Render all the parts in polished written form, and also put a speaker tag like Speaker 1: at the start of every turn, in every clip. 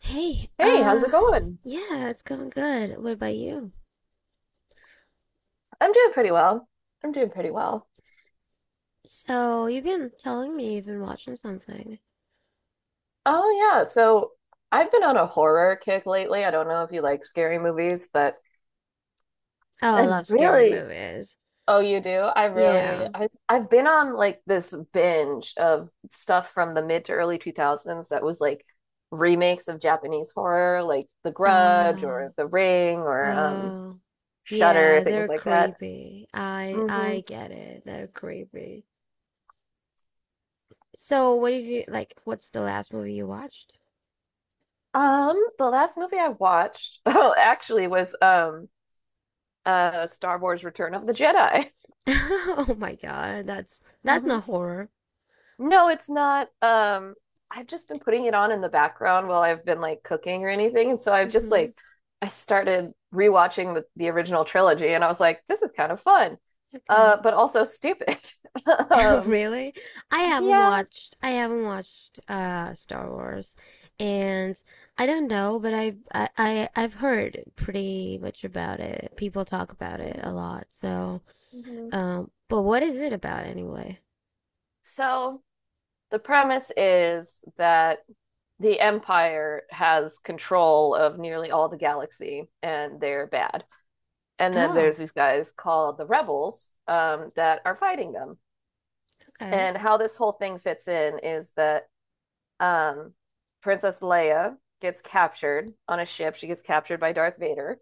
Speaker 1: Hey,
Speaker 2: Hey, how's it going?
Speaker 1: yeah, it's going good. What about you?
Speaker 2: I'm doing pretty well. I'm doing pretty well.
Speaker 1: So, you've been telling me you've been watching something.
Speaker 2: Oh yeah, so I've been on a horror kick lately. I don't know if you like scary movies, but
Speaker 1: Oh, I
Speaker 2: I've
Speaker 1: love scary
Speaker 2: really
Speaker 1: movies.
Speaker 2: Oh, you do? I really
Speaker 1: Yeah.
Speaker 2: I I've been on like this binge of stuff from the mid to early 2000s that was like remakes of Japanese horror, like The Grudge
Speaker 1: Oh,
Speaker 2: or The Ring or
Speaker 1: oh.
Speaker 2: Shudder,
Speaker 1: Yeah, they're
Speaker 2: things like that.
Speaker 1: creepy. I
Speaker 2: Hmm.
Speaker 1: I get it. They're creepy. So, what's the last movie you watched?
Speaker 2: The last movie I watched, oh, actually was Star Wars Return of the Jedi.
Speaker 1: Oh my God, that's
Speaker 2: Mhm.
Speaker 1: not horror.
Speaker 2: No, it's not. I've just been putting it on in the background while I've been like cooking or anything, and so I've just
Speaker 1: Mm-hmm.
Speaker 2: like I started rewatching the original trilogy, and I was like, this is kind of fun,
Speaker 1: Okay.
Speaker 2: but also stupid. Um,
Speaker 1: Really?
Speaker 2: yeah.
Speaker 1: I haven't watched Star Wars, and I don't know, but I've I I've heard pretty much about it. People talk about it a
Speaker 2: Mhm.
Speaker 1: lot. So,
Speaker 2: Mhm.
Speaker 1: um, but what is it about anyway?
Speaker 2: So the premise is that the Empire has control of nearly all the galaxy, and they're bad. And then
Speaker 1: Oh,
Speaker 2: there's these guys called the rebels that are fighting them.
Speaker 1: okay.
Speaker 2: And how this whole thing fits in is that um, Princess Leia gets captured on a ship. She gets captured by Darth Vader,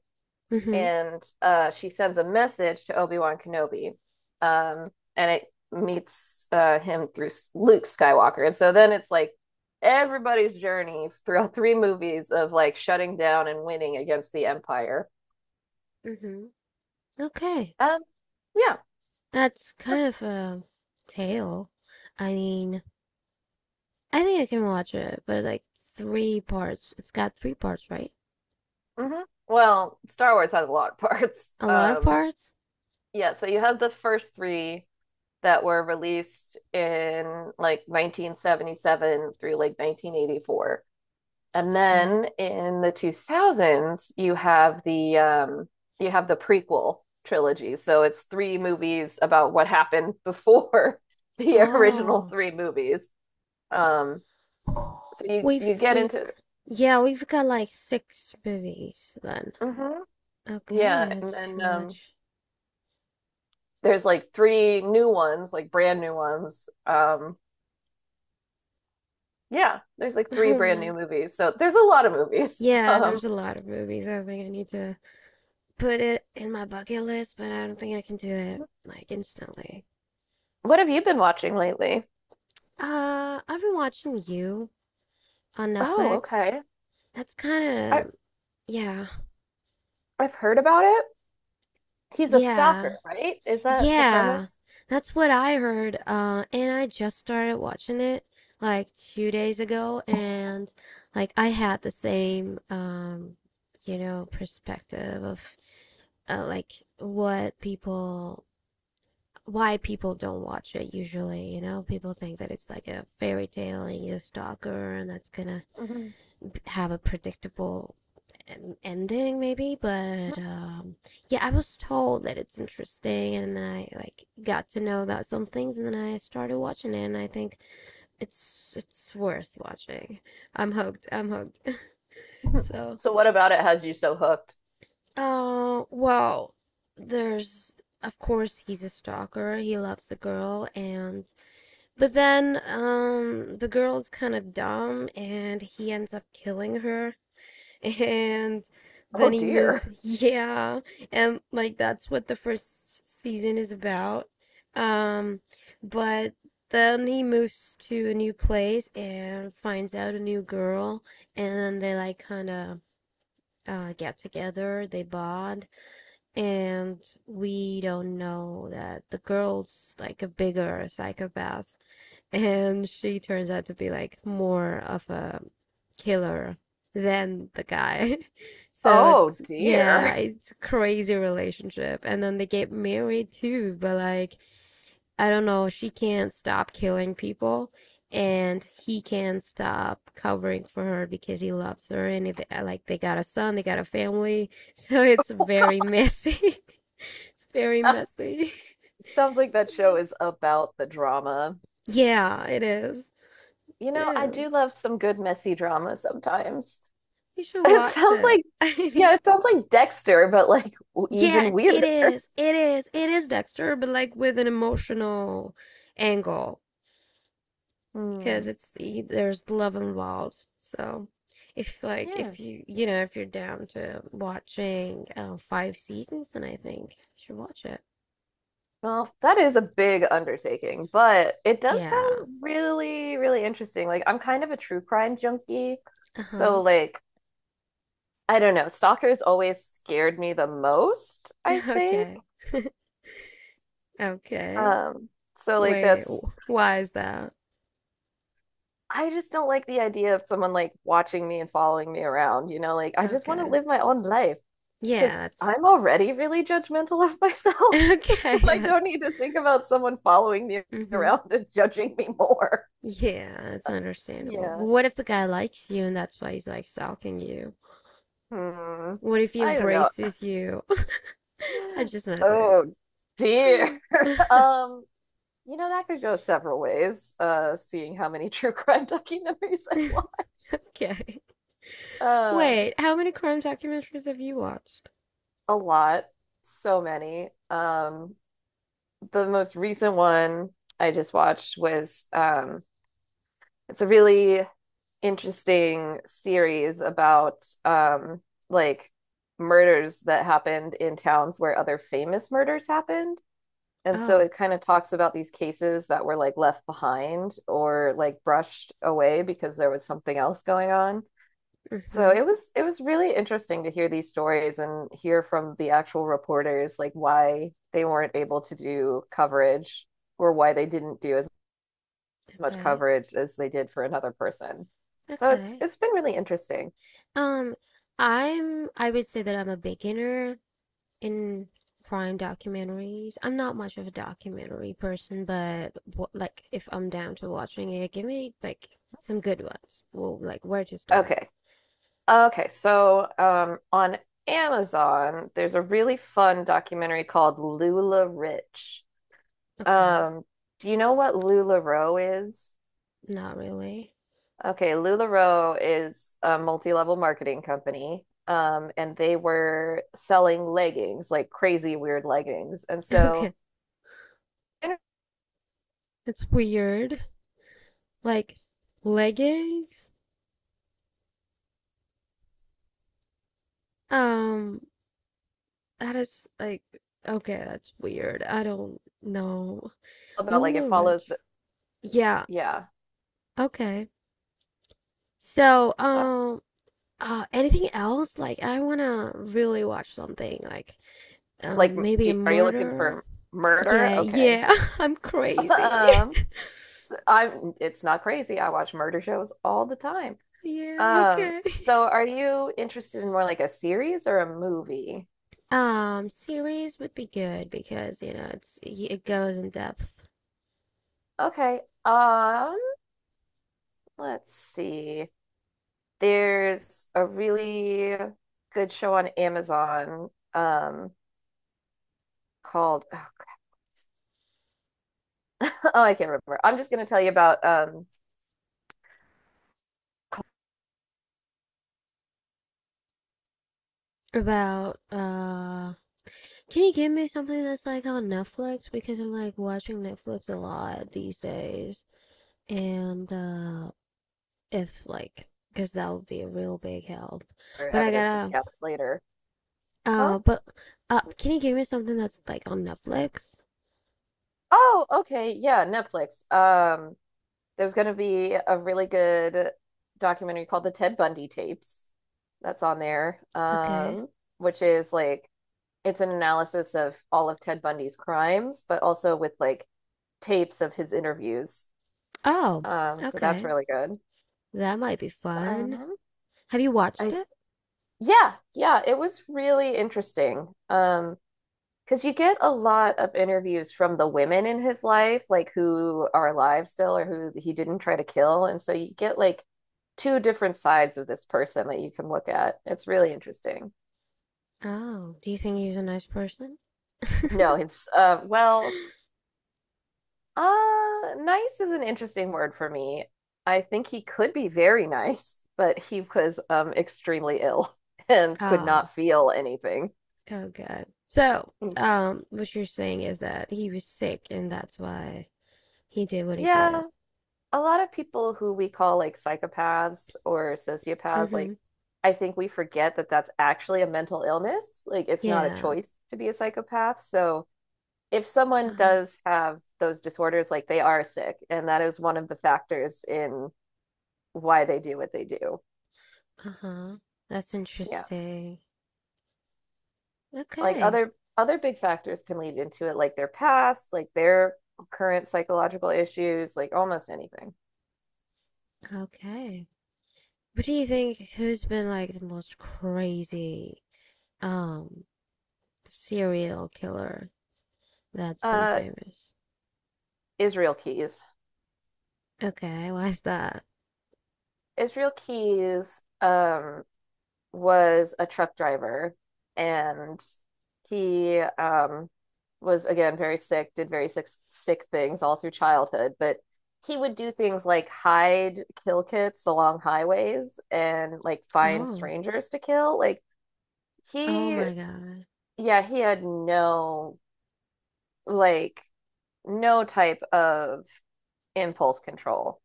Speaker 1: Mhm.
Speaker 2: and she sends a message to Obi Wan Kenobi, and it meets him through Luke Skywalker. And so then it's like everybody's journey throughout three movies of like shutting down and winning against the Empire.
Speaker 1: Mhm. Okay.
Speaker 2: Um, yeah,
Speaker 1: That's
Speaker 2: so
Speaker 1: kind of a tale. I mean, I think I can watch it, but like three parts. It's got three parts, right?
Speaker 2: hmm. Well, Star Wars has a lot of parts.
Speaker 1: A lot of parts?
Speaker 2: Yeah, so you have the first three that were released in like 1977 through like 1984. And
Speaker 1: Okay.
Speaker 2: then in the 2000s, you have the prequel trilogy. So it's three movies about what happened before the original
Speaker 1: Oh.
Speaker 2: three movies. Um, so you you get
Speaker 1: We've
Speaker 2: into
Speaker 1: yeah, we've got like six movies then.
Speaker 2: mhm. yeah,
Speaker 1: Okay,
Speaker 2: and
Speaker 1: that's
Speaker 2: then
Speaker 1: too
Speaker 2: um
Speaker 1: much.
Speaker 2: there's like three new ones, like brand new ones. Yeah, there's like three
Speaker 1: Oh
Speaker 2: brand new
Speaker 1: man.
Speaker 2: movies. So there's a lot of movies.
Speaker 1: Yeah, there's a lot of movies. I think I need to put it in my bucket list, but I don't think I can do it like instantly.
Speaker 2: What have you been watching lately?
Speaker 1: I've been watching You on
Speaker 2: Oh,
Speaker 1: Netflix.
Speaker 2: okay.
Speaker 1: That's kind
Speaker 2: I
Speaker 1: of yeah.
Speaker 2: I've heard about it. He's a stalker,
Speaker 1: Yeah.
Speaker 2: right? Is that the
Speaker 1: Yeah,
Speaker 2: premise?
Speaker 1: that's what I heard. And I just started watching it like 2 days ago, and like I had the same, perspective of like what people, why people don't watch it usually. You know, people think that it's like a fairy tale and he's a stalker and that's gonna
Speaker 2: Mhm.
Speaker 1: have a predictable ending maybe,
Speaker 2: Mhm.
Speaker 1: but um, yeah, I was told that it's interesting, and then I like got to know about some things, and then I started watching it, and I think it's worth watching. I'm hooked, I'm hooked. So,
Speaker 2: So what about it has you so hooked?
Speaker 1: uh well there's of course he's a stalker, he loves the girl, and but then um, the girl's kind of dumb and he ends up killing her, and
Speaker 2: Oh
Speaker 1: then he moves.
Speaker 2: dear.
Speaker 1: Yeah. And like that's what the first season is about. Um, but then he moves to a new place and finds out a new girl, and then they like kind of get together, they bond, and we don't know that the girl's like a bigger psychopath, and she turns out to be like more of a killer than the guy. So
Speaker 2: Oh
Speaker 1: it's, yeah,
Speaker 2: dear.
Speaker 1: it's a crazy relationship. And then they get married too, but like I don't know, she can't stop killing people, and he can't stop covering for her because he loves her, and it, like they got a son, they got a family. So it's very messy. It's very messy.
Speaker 2: Sounds like that show is about the drama.
Speaker 1: Yeah, it is.
Speaker 2: You
Speaker 1: It
Speaker 2: know, I do
Speaker 1: is.
Speaker 2: love some good messy drama sometimes.
Speaker 1: You should
Speaker 2: It
Speaker 1: watch
Speaker 2: sounds
Speaker 1: it.
Speaker 2: like, yeah, it sounds like Dexter, but like
Speaker 1: Yeah,
Speaker 2: even
Speaker 1: it
Speaker 2: weirder.
Speaker 1: is. It is. It is Dexter, but like with an emotional angle, because
Speaker 2: Hmm.
Speaker 1: it's there's love involved. So, if like
Speaker 2: Yeah.
Speaker 1: if you, you know, if you're down to watching five seasons, then I think you should watch it.
Speaker 2: Well, that is a big undertaking, but it does
Speaker 1: Yeah.
Speaker 2: sound really, really interesting. Like, I'm kind of a true crime junkie.
Speaker 1: Uh-huh.
Speaker 2: So, like, I don't know. Stalkers always scared me the most, I think.
Speaker 1: Okay. Okay.
Speaker 2: Um, so, like,
Speaker 1: Wait.
Speaker 2: that's,
Speaker 1: Why is that?
Speaker 2: I just don't like the idea of someone like watching me and following me around, you know? Like, I just want to
Speaker 1: Okay.
Speaker 2: live my own life.
Speaker 1: Yeah,
Speaker 2: Because
Speaker 1: that's
Speaker 2: I'm already really judgmental of myself. So
Speaker 1: okay.
Speaker 2: I don't
Speaker 1: That's.
Speaker 2: need to think about someone following me
Speaker 1: Mm-hmm.
Speaker 2: around and judging me more.
Speaker 1: Yeah, it's understandable. But
Speaker 2: Yeah.
Speaker 1: what if the guy likes you and that's why he's like stalking you?
Speaker 2: Hmm.
Speaker 1: What if he
Speaker 2: I don't know.
Speaker 1: embraces you? I'm just messing.
Speaker 2: Oh dear. Um, you know, that could go several ways, seeing how many true crime documentaries I've watched.
Speaker 1: Okay.
Speaker 2: Um,
Speaker 1: Wait, how many crime documentaries have you watched?
Speaker 2: a lot. So many. The most recent one I just watched was it's a really interesting series about like murders that happened in towns where other famous murders happened. And so
Speaker 1: Oh,
Speaker 2: it kind of talks about these cases that were like left behind or like brushed away because there was something else going on. So
Speaker 1: mm-hmm.
Speaker 2: it was really interesting to hear these stories and hear from the actual reporters like why they weren't able to do coverage or why they didn't do as much
Speaker 1: Okay.
Speaker 2: coverage as they did for another person. So it's
Speaker 1: Okay.
Speaker 2: it's been really interesting.
Speaker 1: Um, I'm, I would say that I'm a beginner in crime documentaries. I'm not much of a documentary person, but like if I'm down to watching it, give me like some good ones. Well, like where to start?
Speaker 2: Okay. Okay, so on Amazon, there's a really fun documentary called Lula Rich.
Speaker 1: Okay,
Speaker 2: Um, do you know what LuLaRoe is?
Speaker 1: not really.
Speaker 2: Okay, LuLaRoe is a multi-level marketing company. And they were selling leggings, like crazy weird leggings. And so
Speaker 1: Okay, it's weird. Like leggings? Um, that is like okay, that's weird. I don't know.
Speaker 2: about like it
Speaker 1: Lula Ridge.
Speaker 2: follows the
Speaker 1: Yeah,
Speaker 2: yeah.
Speaker 1: okay. So, anything else? Like I wanna really watch something like
Speaker 2: Like,
Speaker 1: um, maybe a
Speaker 2: do, are you looking
Speaker 1: murder.
Speaker 2: for murder?
Speaker 1: Yeah,
Speaker 2: Okay.
Speaker 1: yeah, I'm crazy.
Speaker 2: Um, it's not crazy. I watch murder shows all the time.
Speaker 1: Yeah, okay.
Speaker 2: So are you interested in more like a series or a movie?
Speaker 1: Series would be good because you know it's it goes in depth
Speaker 2: Okay. Um, let's see. There's a really good show on Amazon, um, called, oh, crap. Oh, I can't remember. I'm just gonna tell you about,
Speaker 1: about can you give me something that's like on Netflix, because I'm like watching Netflix a lot these days, and uh, if like, because that would be a real big help,
Speaker 2: or
Speaker 1: but I
Speaker 2: evidence that's
Speaker 1: gotta
Speaker 2: gathered later. Huh?
Speaker 1: but uh, can you give me something that's like on Netflix?
Speaker 2: Oh, okay. Yeah, Netflix. There's going to be a really good documentary called The Ted Bundy Tapes that's on there,
Speaker 1: Okay.
Speaker 2: which is like it's an analysis of all of Ted Bundy's crimes, but also with like tapes of his interviews.
Speaker 1: Oh,
Speaker 2: So that's
Speaker 1: okay.
Speaker 2: really good.
Speaker 1: That might be fun.
Speaker 2: Um,
Speaker 1: Have you watched
Speaker 2: I
Speaker 1: it?
Speaker 2: Yeah, yeah, it was really interesting. Because you get a lot of interviews from the women in his life, like who are alive still or who he didn't try to kill. And so you get like two different sides of this person that you can look at. It's really interesting.
Speaker 1: Oh, do you think he's a nice person?
Speaker 2: No, nice is an interesting word for me. I think he could be very nice, but he was extremely ill and could
Speaker 1: Oh.
Speaker 2: not feel anything.
Speaker 1: Oh God. So,
Speaker 2: Mm,
Speaker 1: what you're saying is that he was sick and that's why he did what he did.
Speaker 2: yeah, a lot of people who we call like psychopaths or sociopaths,
Speaker 1: Mm-hmm.
Speaker 2: like I think we forget that that's actually a mental illness. Like it's not a
Speaker 1: Yeah.
Speaker 2: choice to be a psychopath. So if someone
Speaker 1: Uh,
Speaker 2: does have those disorders, like they are sick, and that is one of the factors in why they do what they do.
Speaker 1: uh-huh. That's
Speaker 2: Yeah.
Speaker 1: interesting.
Speaker 2: Like
Speaker 1: Okay.
Speaker 2: other big factors can lead into it, like their past, like their current psychological issues, like almost anything.
Speaker 1: Okay. What do you think, who's been like the most crazy um, serial killer that's been
Speaker 2: Uh,
Speaker 1: famous?
Speaker 2: Israel Keys.
Speaker 1: Okay, why's that?
Speaker 2: Israel Keys was a truck driver and he was again very sick, did very sick things all through childhood, but he would do things like hide kill kits along highways and like find
Speaker 1: Oh.
Speaker 2: strangers to kill. Like
Speaker 1: Oh
Speaker 2: he
Speaker 1: my God.
Speaker 2: yeah, he had no like no type of impulse control.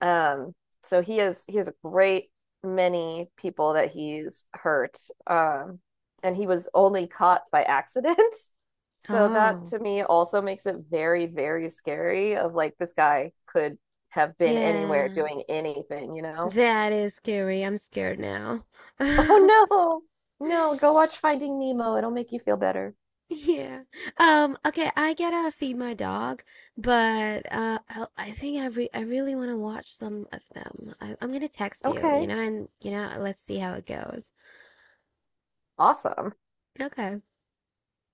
Speaker 2: Um, so he has a great many people that he's hurt. Um, and he was only caught by accident. So that
Speaker 1: Oh.
Speaker 2: to me also makes it very, very scary of like this guy could have been anywhere
Speaker 1: Yeah.
Speaker 2: doing anything, you know?
Speaker 1: That is scary. I'm scared now.
Speaker 2: Oh no. No, go watch Finding Nemo. It'll make you feel better.
Speaker 1: Yeah. Okay, I gotta feed my dog, but I think I really want to watch some of them. I'm gonna text you, you
Speaker 2: Okay.
Speaker 1: know, and you know, let's see how it goes.
Speaker 2: Awesome.
Speaker 1: Okay.